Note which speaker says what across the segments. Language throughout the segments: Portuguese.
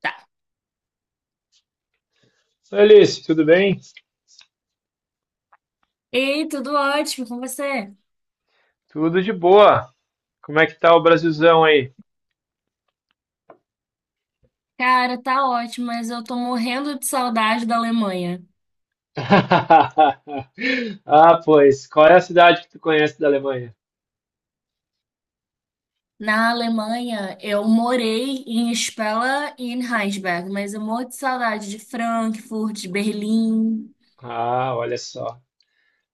Speaker 1: Tá.
Speaker 2: Oi, Alice, tudo bem?
Speaker 1: Ei, tudo ótimo com você?
Speaker 2: Tudo de boa. Como é que tá o Brasilzão aí?
Speaker 1: Cara, tá ótimo, mas eu tô morrendo de saudade da Alemanha.
Speaker 2: Ah, pois, qual é a cidade que tu conhece da Alemanha?
Speaker 1: Na Alemanha, eu morei em Spella e em Heinsberg, mas eu morro de saudade de Frankfurt, de Berlim.
Speaker 2: Ah, olha só.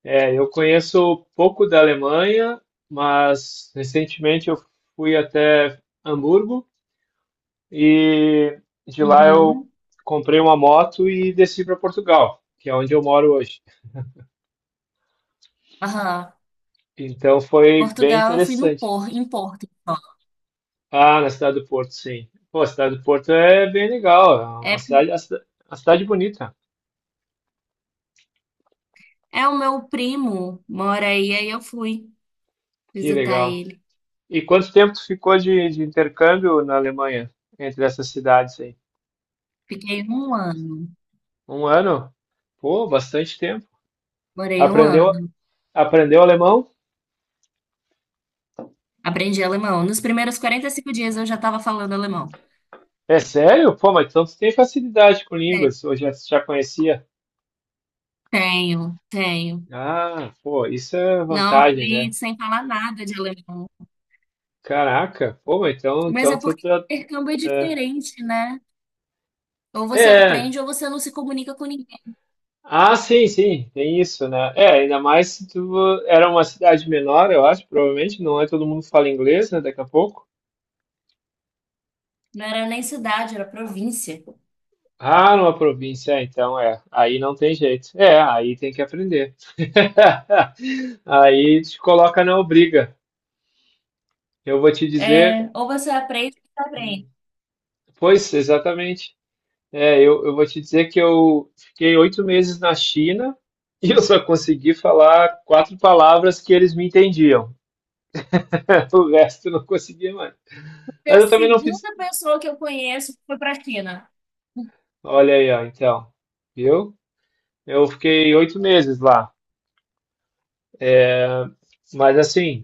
Speaker 2: É, eu conheço pouco da Alemanha, mas recentemente eu fui até Hamburgo e de lá eu
Speaker 1: Uhum.
Speaker 2: comprei uma moto e desci para Portugal, que é onde eu moro hoje.
Speaker 1: Aham.
Speaker 2: Então foi bem
Speaker 1: Portugal, eu fui no
Speaker 2: interessante.
Speaker 1: Por, em Porto só.
Speaker 2: Ah, na cidade do Porto, sim. Pô, a cidade do Porto é bem legal. É uma
Speaker 1: É,
Speaker 2: cidade, a cidade bonita.
Speaker 1: é o meu primo, mora aí, aí eu fui
Speaker 2: Que
Speaker 1: visitar
Speaker 2: legal.
Speaker 1: ele.
Speaker 2: E quanto tempo tu ficou de intercâmbio na Alemanha, entre essas cidades aí?
Speaker 1: Fiquei um ano,
Speaker 2: Um ano? Pô, bastante tempo.
Speaker 1: morei um
Speaker 2: Aprendeu,
Speaker 1: ano.
Speaker 2: aprendeu alemão?
Speaker 1: Aprendi alemão. Nos primeiros 45 dias eu já estava falando alemão.
Speaker 2: É sério? Pô, mas então tu tem facilidade com
Speaker 1: É,
Speaker 2: línguas, ou já conhecia?
Speaker 1: tenho, tenho.
Speaker 2: Ah, pô, isso é
Speaker 1: Não,
Speaker 2: vantagem, né?
Speaker 1: fui sem falar nada de alemão.
Speaker 2: Caraca, pô, mas então,
Speaker 1: Mas
Speaker 2: então
Speaker 1: é
Speaker 2: tu
Speaker 1: porque o
Speaker 2: tá.
Speaker 1: intercâmbio é
Speaker 2: É,
Speaker 1: diferente, né? Ou você
Speaker 2: é.
Speaker 1: aprende ou você não se comunica com ninguém.
Speaker 2: Ah, sim, sim, tem isso, né? É, ainda mais se tu era uma cidade menor, eu acho, provavelmente, não é todo mundo fala inglês, né, daqui a pouco.
Speaker 1: Não era nem cidade, era província.
Speaker 2: Ah, numa província, é, então é, aí não tem jeito. É, aí tem que aprender. Aí te coloca na obriga. Eu vou te dizer,
Speaker 1: É, ou você aprende ou você aprende.
Speaker 2: pois, exatamente. É, eu vou te dizer que eu fiquei oito meses na China e eu só consegui falar quatro palavras que eles me entendiam. O resto eu não conseguia mais.
Speaker 1: Porque
Speaker 2: Mas
Speaker 1: a
Speaker 2: eu também não fiz.
Speaker 1: segunda pessoa que eu conheço foi para a China.
Speaker 2: Olha aí, ó, então. Viu? Eu fiquei oito meses lá. É. Mas assim,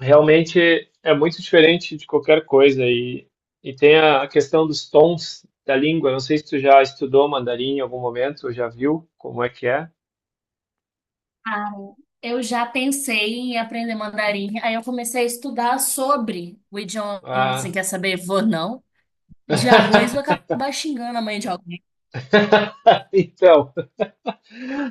Speaker 2: realmente é muito diferente de qualquer coisa. E tem a questão dos tons da língua. Não sei se tu já estudou mandarim em algum momento, ou já viu como é que é.
Speaker 1: Ah, eu já pensei em aprender mandarim. Aí eu comecei a estudar sobre o idioma. Você
Speaker 2: Ah,
Speaker 1: quer saber, vou não? De arroz, vou acabar xingando a mãe de alguém.
Speaker 2: então.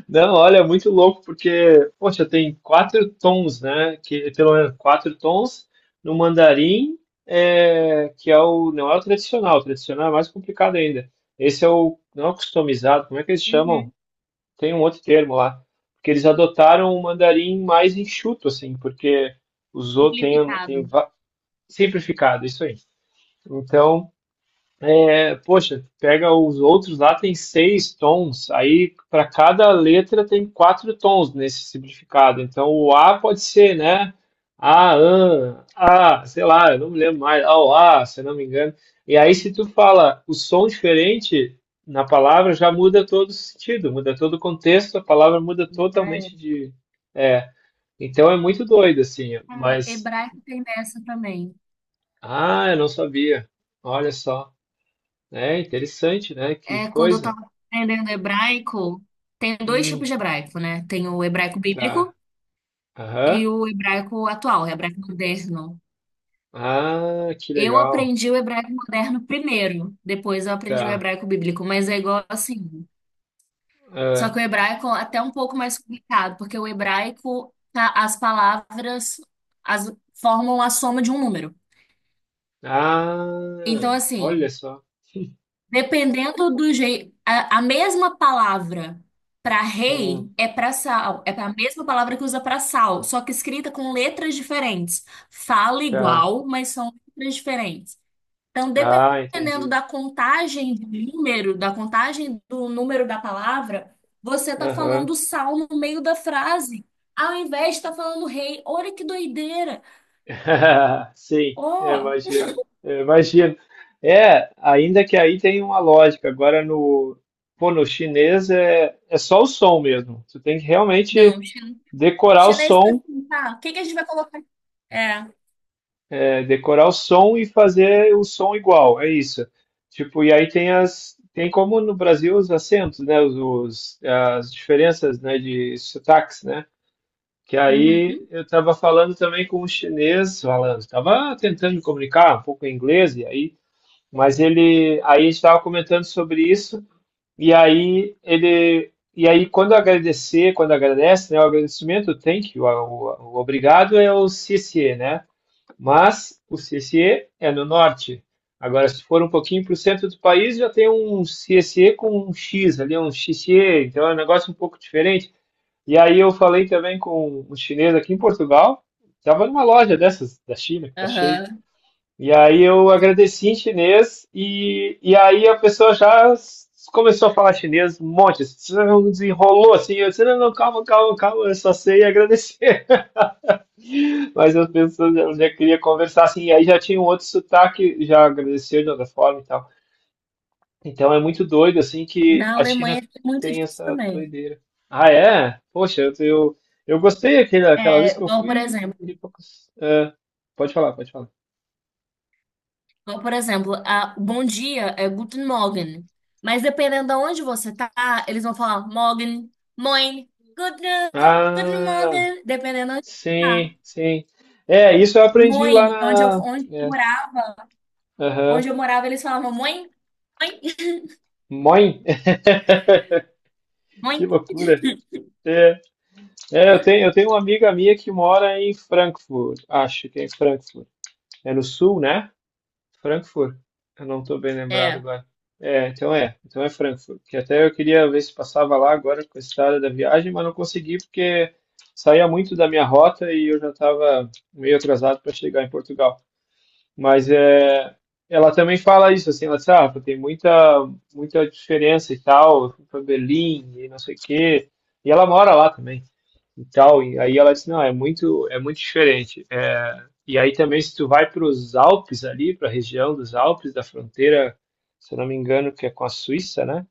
Speaker 2: Não, olha, é muito louco, porque, poxa, tem quatro tons, né? Que, pelo menos quatro tons no mandarim, é, que é não é o tradicional é mais complicado ainda. Esse é não é o customizado, como é que eles chamam?
Speaker 1: Uhum.
Speaker 2: Tem um outro termo lá, porque eles adotaram um mandarim mais enxuto, assim, porque usou, tem, tem
Speaker 1: Simplificado.
Speaker 2: va- simplificado, isso aí. Então, é, poxa, pega os outros lá, tem seis tons, aí para cada letra tem quatro tons nesse simplificado. Então o A pode ser, né? A, an, A, sei lá, eu não me lembro mais, ao A, se eu não me engano. E aí se tu fala o som diferente na palavra, já muda todo o sentido, muda todo o contexto, a palavra muda
Speaker 1: Já é.
Speaker 2: totalmente de. É, então é muito doido, assim,
Speaker 1: Cara,
Speaker 2: mas.
Speaker 1: hebraico tem dessa também.
Speaker 2: Ah, eu não sabia. Olha só. É interessante, né? Que
Speaker 1: É, quando eu
Speaker 2: coisa.
Speaker 1: tava aprendendo hebraico, tem dois
Speaker 2: Hum,
Speaker 1: tipos de hebraico, né? Tem o hebraico
Speaker 2: tá.
Speaker 1: bíblico e
Speaker 2: Aham.
Speaker 1: o hebraico atual, o hebraico moderno.
Speaker 2: Ah, que
Speaker 1: Eu
Speaker 2: legal.
Speaker 1: aprendi o hebraico moderno primeiro, depois eu aprendi o
Speaker 2: Tá.
Speaker 1: hebraico bíblico, mas é igual assim. Só que
Speaker 2: Ah,
Speaker 1: o hebraico é até um pouco mais complicado, porque o hebraico, as palavras as, formam a soma de um número. Então,
Speaker 2: ah, olha
Speaker 1: assim,
Speaker 2: só.
Speaker 1: dependendo do jeito, a mesma palavra para
Speaker 2: Hum,
Speaker 1: rei é para sal, é a mesma palavra que usa para sal, só que escrita com letras diferentes. Fala
Speaker 2: tá.
Speaker 1: igual, mas são letras diferentes. Então,
Speaker 2: Ah,
Speaker 1: dependendo
Speaker 2: entendi.
Speaker 1: da contagem de número, da contagem do número da palavra, você tá
Speaker 2: Aham.
Speaker 1: falando sal no meio da frase, ao invés de estar falando rei. Olha que doideira!
Speaker 2: Sim, eu
Speaker 1: Oh,
Speaker 2: imagino. Eu imagino. É, ainda que aí tem uma lógica. Agora pô, no chinês é só o som mesmo. Tu tem que realmente
Speaker 1: não, chin-
Speaker 2: decorar o
Speaker 1: chinês tá
Speaker 2: som.
Speaker 1: assim, tá? O que que a gente vai colocar? É.
Speaker 2: É decorar o som e fazer o som igual, é isso. Tipo, e aí tem como no Brasil os acentos, né, as diferenças, né, de sotaques, né? Que aí
Speaker 1: Uhum.
Speaker 2: eu estava falando também com um chinês, falando, estava tentando me comunicar um pouco em inglês e aí, mas ele, aí estava comentando sobre isso e aí quando quando agradece, né, o agradecimento, o thank you, o obrigado é o CC, né? Mas o CSE é no norte. Agora, se for um pouquinho para o centro do país, já tem um CSE com um X ali, um XCE, então é um negócio um pouco diferente. E aí eu falei também com um chinês aqui em Portugal, estava numa loja dessas da China, que está cheio.
Speaker 1: Aham.
Speaker 2: E aí eu agradeci em chinês e aí a pessoa já começou a falar chinês um monte, desenrolou assim, eu disse, não, não, calma, calma, calma, eu só sei agradecer. Mas as pessoas elas já queriam conversar, assim, e aí já tinha um outro sotaque, já agradeceu de outra forma e tal. Então é muito doido, assim, que
Speaker 1: Na
Speaker 2: a
Speaker 1: Alemanha
Speaker 2: China
Speaker 1: é muito
Speaker 2: tem
Speaker 1: disso
Speaker 2: essa
Speaker 1: também.
Speaker 2: doideira. Ah, é? Poxa, eu gostei aquela vez
Speaker 1: É,
Speaker 2: que eu
Speaker 1: igual, por
Speaker 2: fui.
Speaker 1: exemplo,
Speaker 2: É, pode falar, pode falar.
Speaker 1: igual, por exemplo, a, o bom dia é Guten Morgen. Mas dependendo de onde você tá, eles vão falar Morgen, Moin, Guten, Guten
Speaker 2: Ah,
Speaker 1: Morgen, dependendo de onde você tá.
Speaker 2: sim, sim. É, isso eu aprendi
Speaker 1: Moin,
Speaker 2: lá na. É, aham.
Speaker 1: onde eu morava, eles falavam Moin, Moin,
Speaker 2: Mãe,
Speaker 1: Moin.
Speaker 2: que loucura. É. É, eu tenho uma amiga minha que mora em Frankfurt, acho que é em Frankfurt. É no sul, né? Frankfurt. Eu não estou bem lembrado
Speaker 1: É.
Speaker 2: agora. É, então é Frankfurt. Que até eu queria ver se passava lá agora com a estrada da viagem, mas não consegui porque saía muito da minha rota e eu já estava meio atrasado para chegar em Portugal. Mas é, ela também fala isso, assim, ela diz, ah, pô, tem muita, muita diferença e tal, eu fui para Berlim e não sei o quê, e ela mora lá também e tal, e aí ela disse, não, é muito diferente. É, e aí também se tu vai para os Alpes ali, para a região dos Alpes, da fronteira, se eu não me engano, que é com a Suíça, né?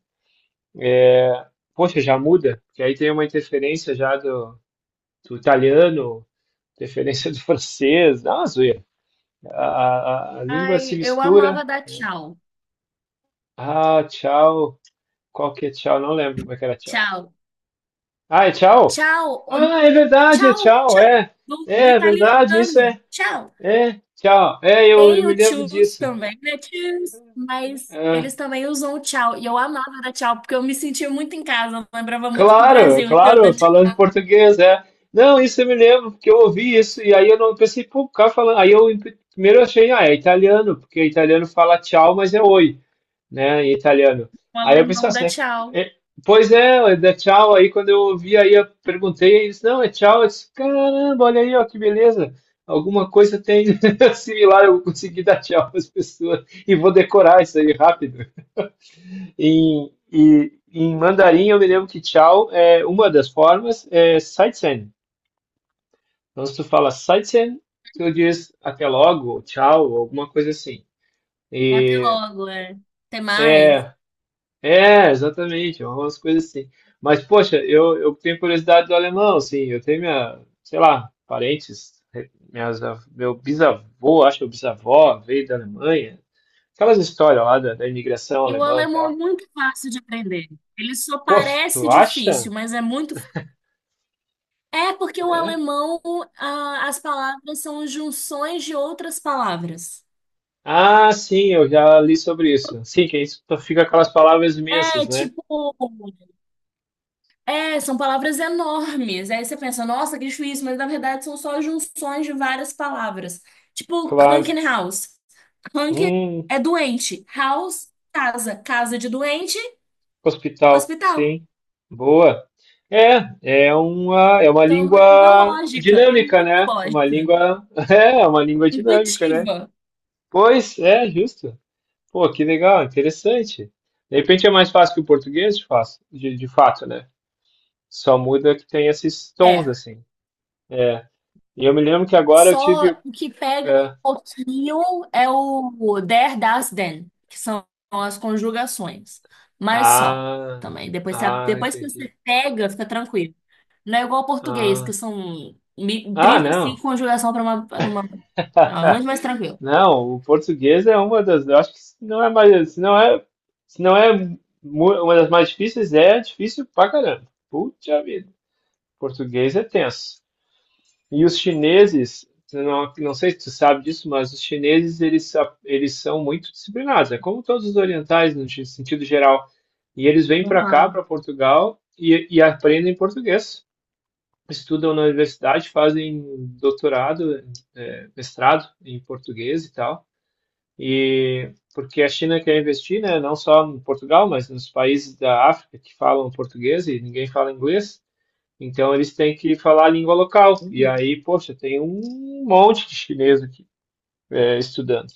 Speaker 2: É, poxa, já muda, porque aí tem uma interferência já do italiano, interferência do francês, dá uma zoeira. A, a língua se
Speaker 1: Ai, eu
Speaker 2: mistura.
Speaker 1: amava dar tchau.
Speaker 2: Ah, tchau. Qual que é tchau? Não lembro como é que era tchau.
Speaker 1: Tchau.
Speaker 2: Ah, é tchau?
Speaker 1: Tchau. Não,
Speaker 2: Ah, é verdade, é
Speaker 1: tchau,
Speaker 2: tchau,
Speaker 1: tchau.
Speaker 2: é.
Speaker 1: Do, do
Speaker 2: É, é verdade, isso
Speaker 1: italiano.
Speaker 2: é.
Speaker 1: Tchau.
Speaker 2: É, tchau. É, eu
Speaker 1: Tem o
Speaker 2: me lembro
Speaker 1: tchus
Speaker 2: disso.
Speaker 1: também, né? Tchus. Mas
Speaker 2: É,
Speaker 1: eles também usam o tchau. E eu amava dar tchau, porque eu me sentia muito em casa. Eu lembrava muito do
Speaker 2: claro,
Speaker 1: Brasil. Então, eu
Speaker 2: claro,
Speaker 1: dando tchau.
Speaker 2: falando português, é. Não, isso eu me lembro, porque eu ouvi isso, e aí eu não pensei, pô, o cara falando. Aí eu primeiro eu achei, ah, é italiano, porque italiano fala tchau, mas é oi. Né, em italiano.
Speaker 1: O
Speaker 2: Aí eu pensei,
Speaker 1: alemão dá
Speaker 2: assim,
Speaker 1: tchau.
Speaker 2: é, pois é, é tchau. Aí quando eu ouvi, aí eu perguntei, eles, não, é tchau. Eu disse, caramba, olha aí, ó, que beleza. Alguma coisa tem similar, eu consegui dar tchau para as pessoas e vou decorar isso aí rápido. Em mandarim, eu me lembro que tchau é uma das formas, é saitsen. Então, se tu fala saitsen, tu diz até logo, tchau, alguma coisa assim.
Speaker 1: Até
Speaker 2: E
Speaker 1: logo, é. Até mais.
Speaker 2: é, É, exatamente, é umas coisas assim. Mas, poxa, eu tenho curiosidade do alemão, assim, eu tenho minha, sei lá, parentes, minhas, meu bisavô, acho que meu bisavó veio da Alemanha, aquelas histórias lá da imigração
Speaker 1: E o
Speaker 2: alemã e
Speaker 1: alemão é
Speaker 2: tal.
Speaker 1: muito fácil de aprender. Ele só
Speaker 2: Poxa,
Speaker 1: parece
Speaker 2: tu acha?
Speaker 1: difícil, É porque o
Speaker 2: É?
Speaker 1: alemão, ah, as palavras são junções de outras palavras.
Speaker 2: Ah, sim, eu já li sobre isso. Sim, que isso fica aquelas palavras
Speaker 1: É
Speaker 2: imensas, né?
Speaker 1: tipo. É, são palavras enormes. Aí você pensa, nossa, que difícil, mas na verdade são só junções de várias palavras. Tipo,
Speaker 2: Claro.
Speaker 1: Hunken House. Hunken
Speaker 2: Hum.
Speaker 1: é doente. House, casa. Casa de doente,
Speaker 2: Hospital,
Speaker 1: hospital.
Speaker 2: sim. Boa. É, é uma
Speaker 1: Então, é uma
Speaker 2: língua
Speaker 1: lógica. É
Speaker 2: dinâmica,
Speaker 1: muito
Speaker 2: né? Uma
Speaker 1: lógica.
Speaker 2: língua, é, uma língua dinâmica, né?
Speaker 1: Intuitiva.
Speaker 2: Pois, é, justo. Pô, que legal, interessante. De repente é mais fácil que o português, de fato, né? Só muda que tem esses tons,
Speaker 1: É.
Speaker 2: assim. É. E eu me lembro que agora eu
Speaker 1: Só
Speaker 2: tive.
Speaker 1: o que pega
Speaker 2: É.
Speaker 1: um pouquinho é o there, das, then, que são as conjugações. Mas só
Speaker 2: Ah,
Speaker 1: também.
Speaker 2: ah,
Speaker 1: Depois que
Speaker 2: entendi.
Speaker 1: você pega, fica tranquilo. Não é igual ao português, que
Speaker 2: Ah,
Speaker 1: são
Speaker 2: ah,
Speaker 1: trinta e
Speaker 2: não.
Speaker 1: cinco conjugação para uma, para uma. É muito mais tranquilo.
Speaker 2: Não, o português é uma das. Eu acho que se não é mais, se não é uma das mais difíceis, é difícil pra caramba. Puta vida. Português é tenso. E os chineses, eu não sei se tu sabe disso, mas os chineses eles são muito disciplinados, é como todos os orientais no sentido geral. E eles vêm para cá,
Speaker 1: Uhum.
Speaker 2: para Portugal, e aprendem português. Estudam na universidade, fazem doutorado, mestrado em português e tal. E porque a China quer investir, né, não só em Portugal, mas nos países da África que falam português e ninguém fala inglês, então eles têm que falar a língua local. E aí, poxa, tem um monte de chinês aqui estudando.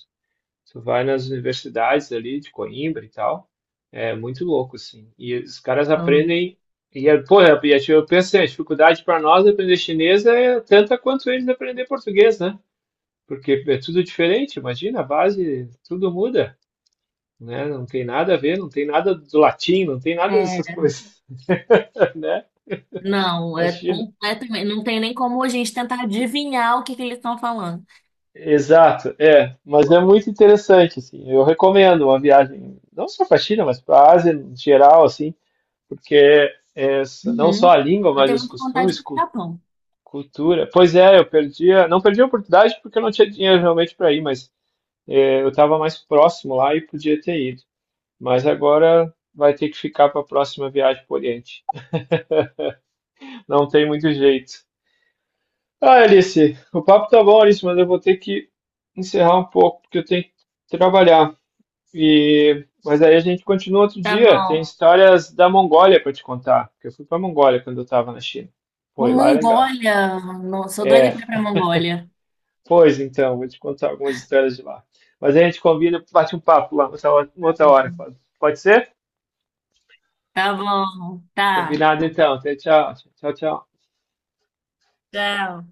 Speaker 2: Tu vai nas universidades ali de Coimbra e tal, é muito louco, assim. E os caras
Speaker 1: Uhum.
Speaker 2: aprendem. Porra, eu penso, assim, a dificuldade para nós aprender chinês é tanta quanto eles aprender português, né? Porque é tudo diferente, imagina, a base, tudo muda, né? Não tem nada a ver, não tem nada do latim, não tem nada dessas
Speaker 1: É,
Speaker 2: coisas, né?
Speaker 1: não, é
Speaker 2: Imagina.
Speaker 1: completamente. Não tem nem como a gente tentar adivinhar o que que eles estão falando.
Speaker 2: Exato, é, mas é muito interessante, assim, eu recomendo uma viagem, não só para a China, mas para a Ásia em geral, assim, porque é, não só
Speaker 1: Uhum.
Speaker 2: a língua,
Speaker 1: Eu
Speaker 2: mas
Speaker 1: tenho
Speaker 2: os
Speaker 1: muita vontade
Speaker 2: costumes,
Speaker 1: para o Japão.
Speaker 2: cultura. Pois é, eu perdi, não perdi a oportunidade porque eu não tinha dinheiro realmente para ir, mas é, eu estava mais próximo lá e podia ter ido. Mas agora vai ter que ficar para a próxima viagem para o Oriente. Não tem muito jeito. Ah, Alice, o papo tá bom, Alice, mas eu vou ter que encerrar um pouco, porque eu tenho que trabalhar. E... Mas aí a gente continua outro
Speaker 1: Tá
Speaker 2: dia. Tem
Speaker 1: bom.
Speaker 2: histórias da Mongólia para te contar, porque eu fui para Mongólia quando eu estava na China.
Speaker 1: Vou
Speaker 2: Foi, lá é legal.
Speaker 1: Mongólia. Não, sou doida
Speaker 2: É,
Speaker 1: pra ir pra Mongólia.
Speaker 2: pois então, vou te contar algumas histórias de lá. Mas a gente combina, bate um papo lá, outra hora, uma outra hora. Pode ser?
Speaker 1: Tá bom. Tá.
Speaker 2: Combinado então. Até tchau. Tchau, tchau.
Speaker 1: Tchau.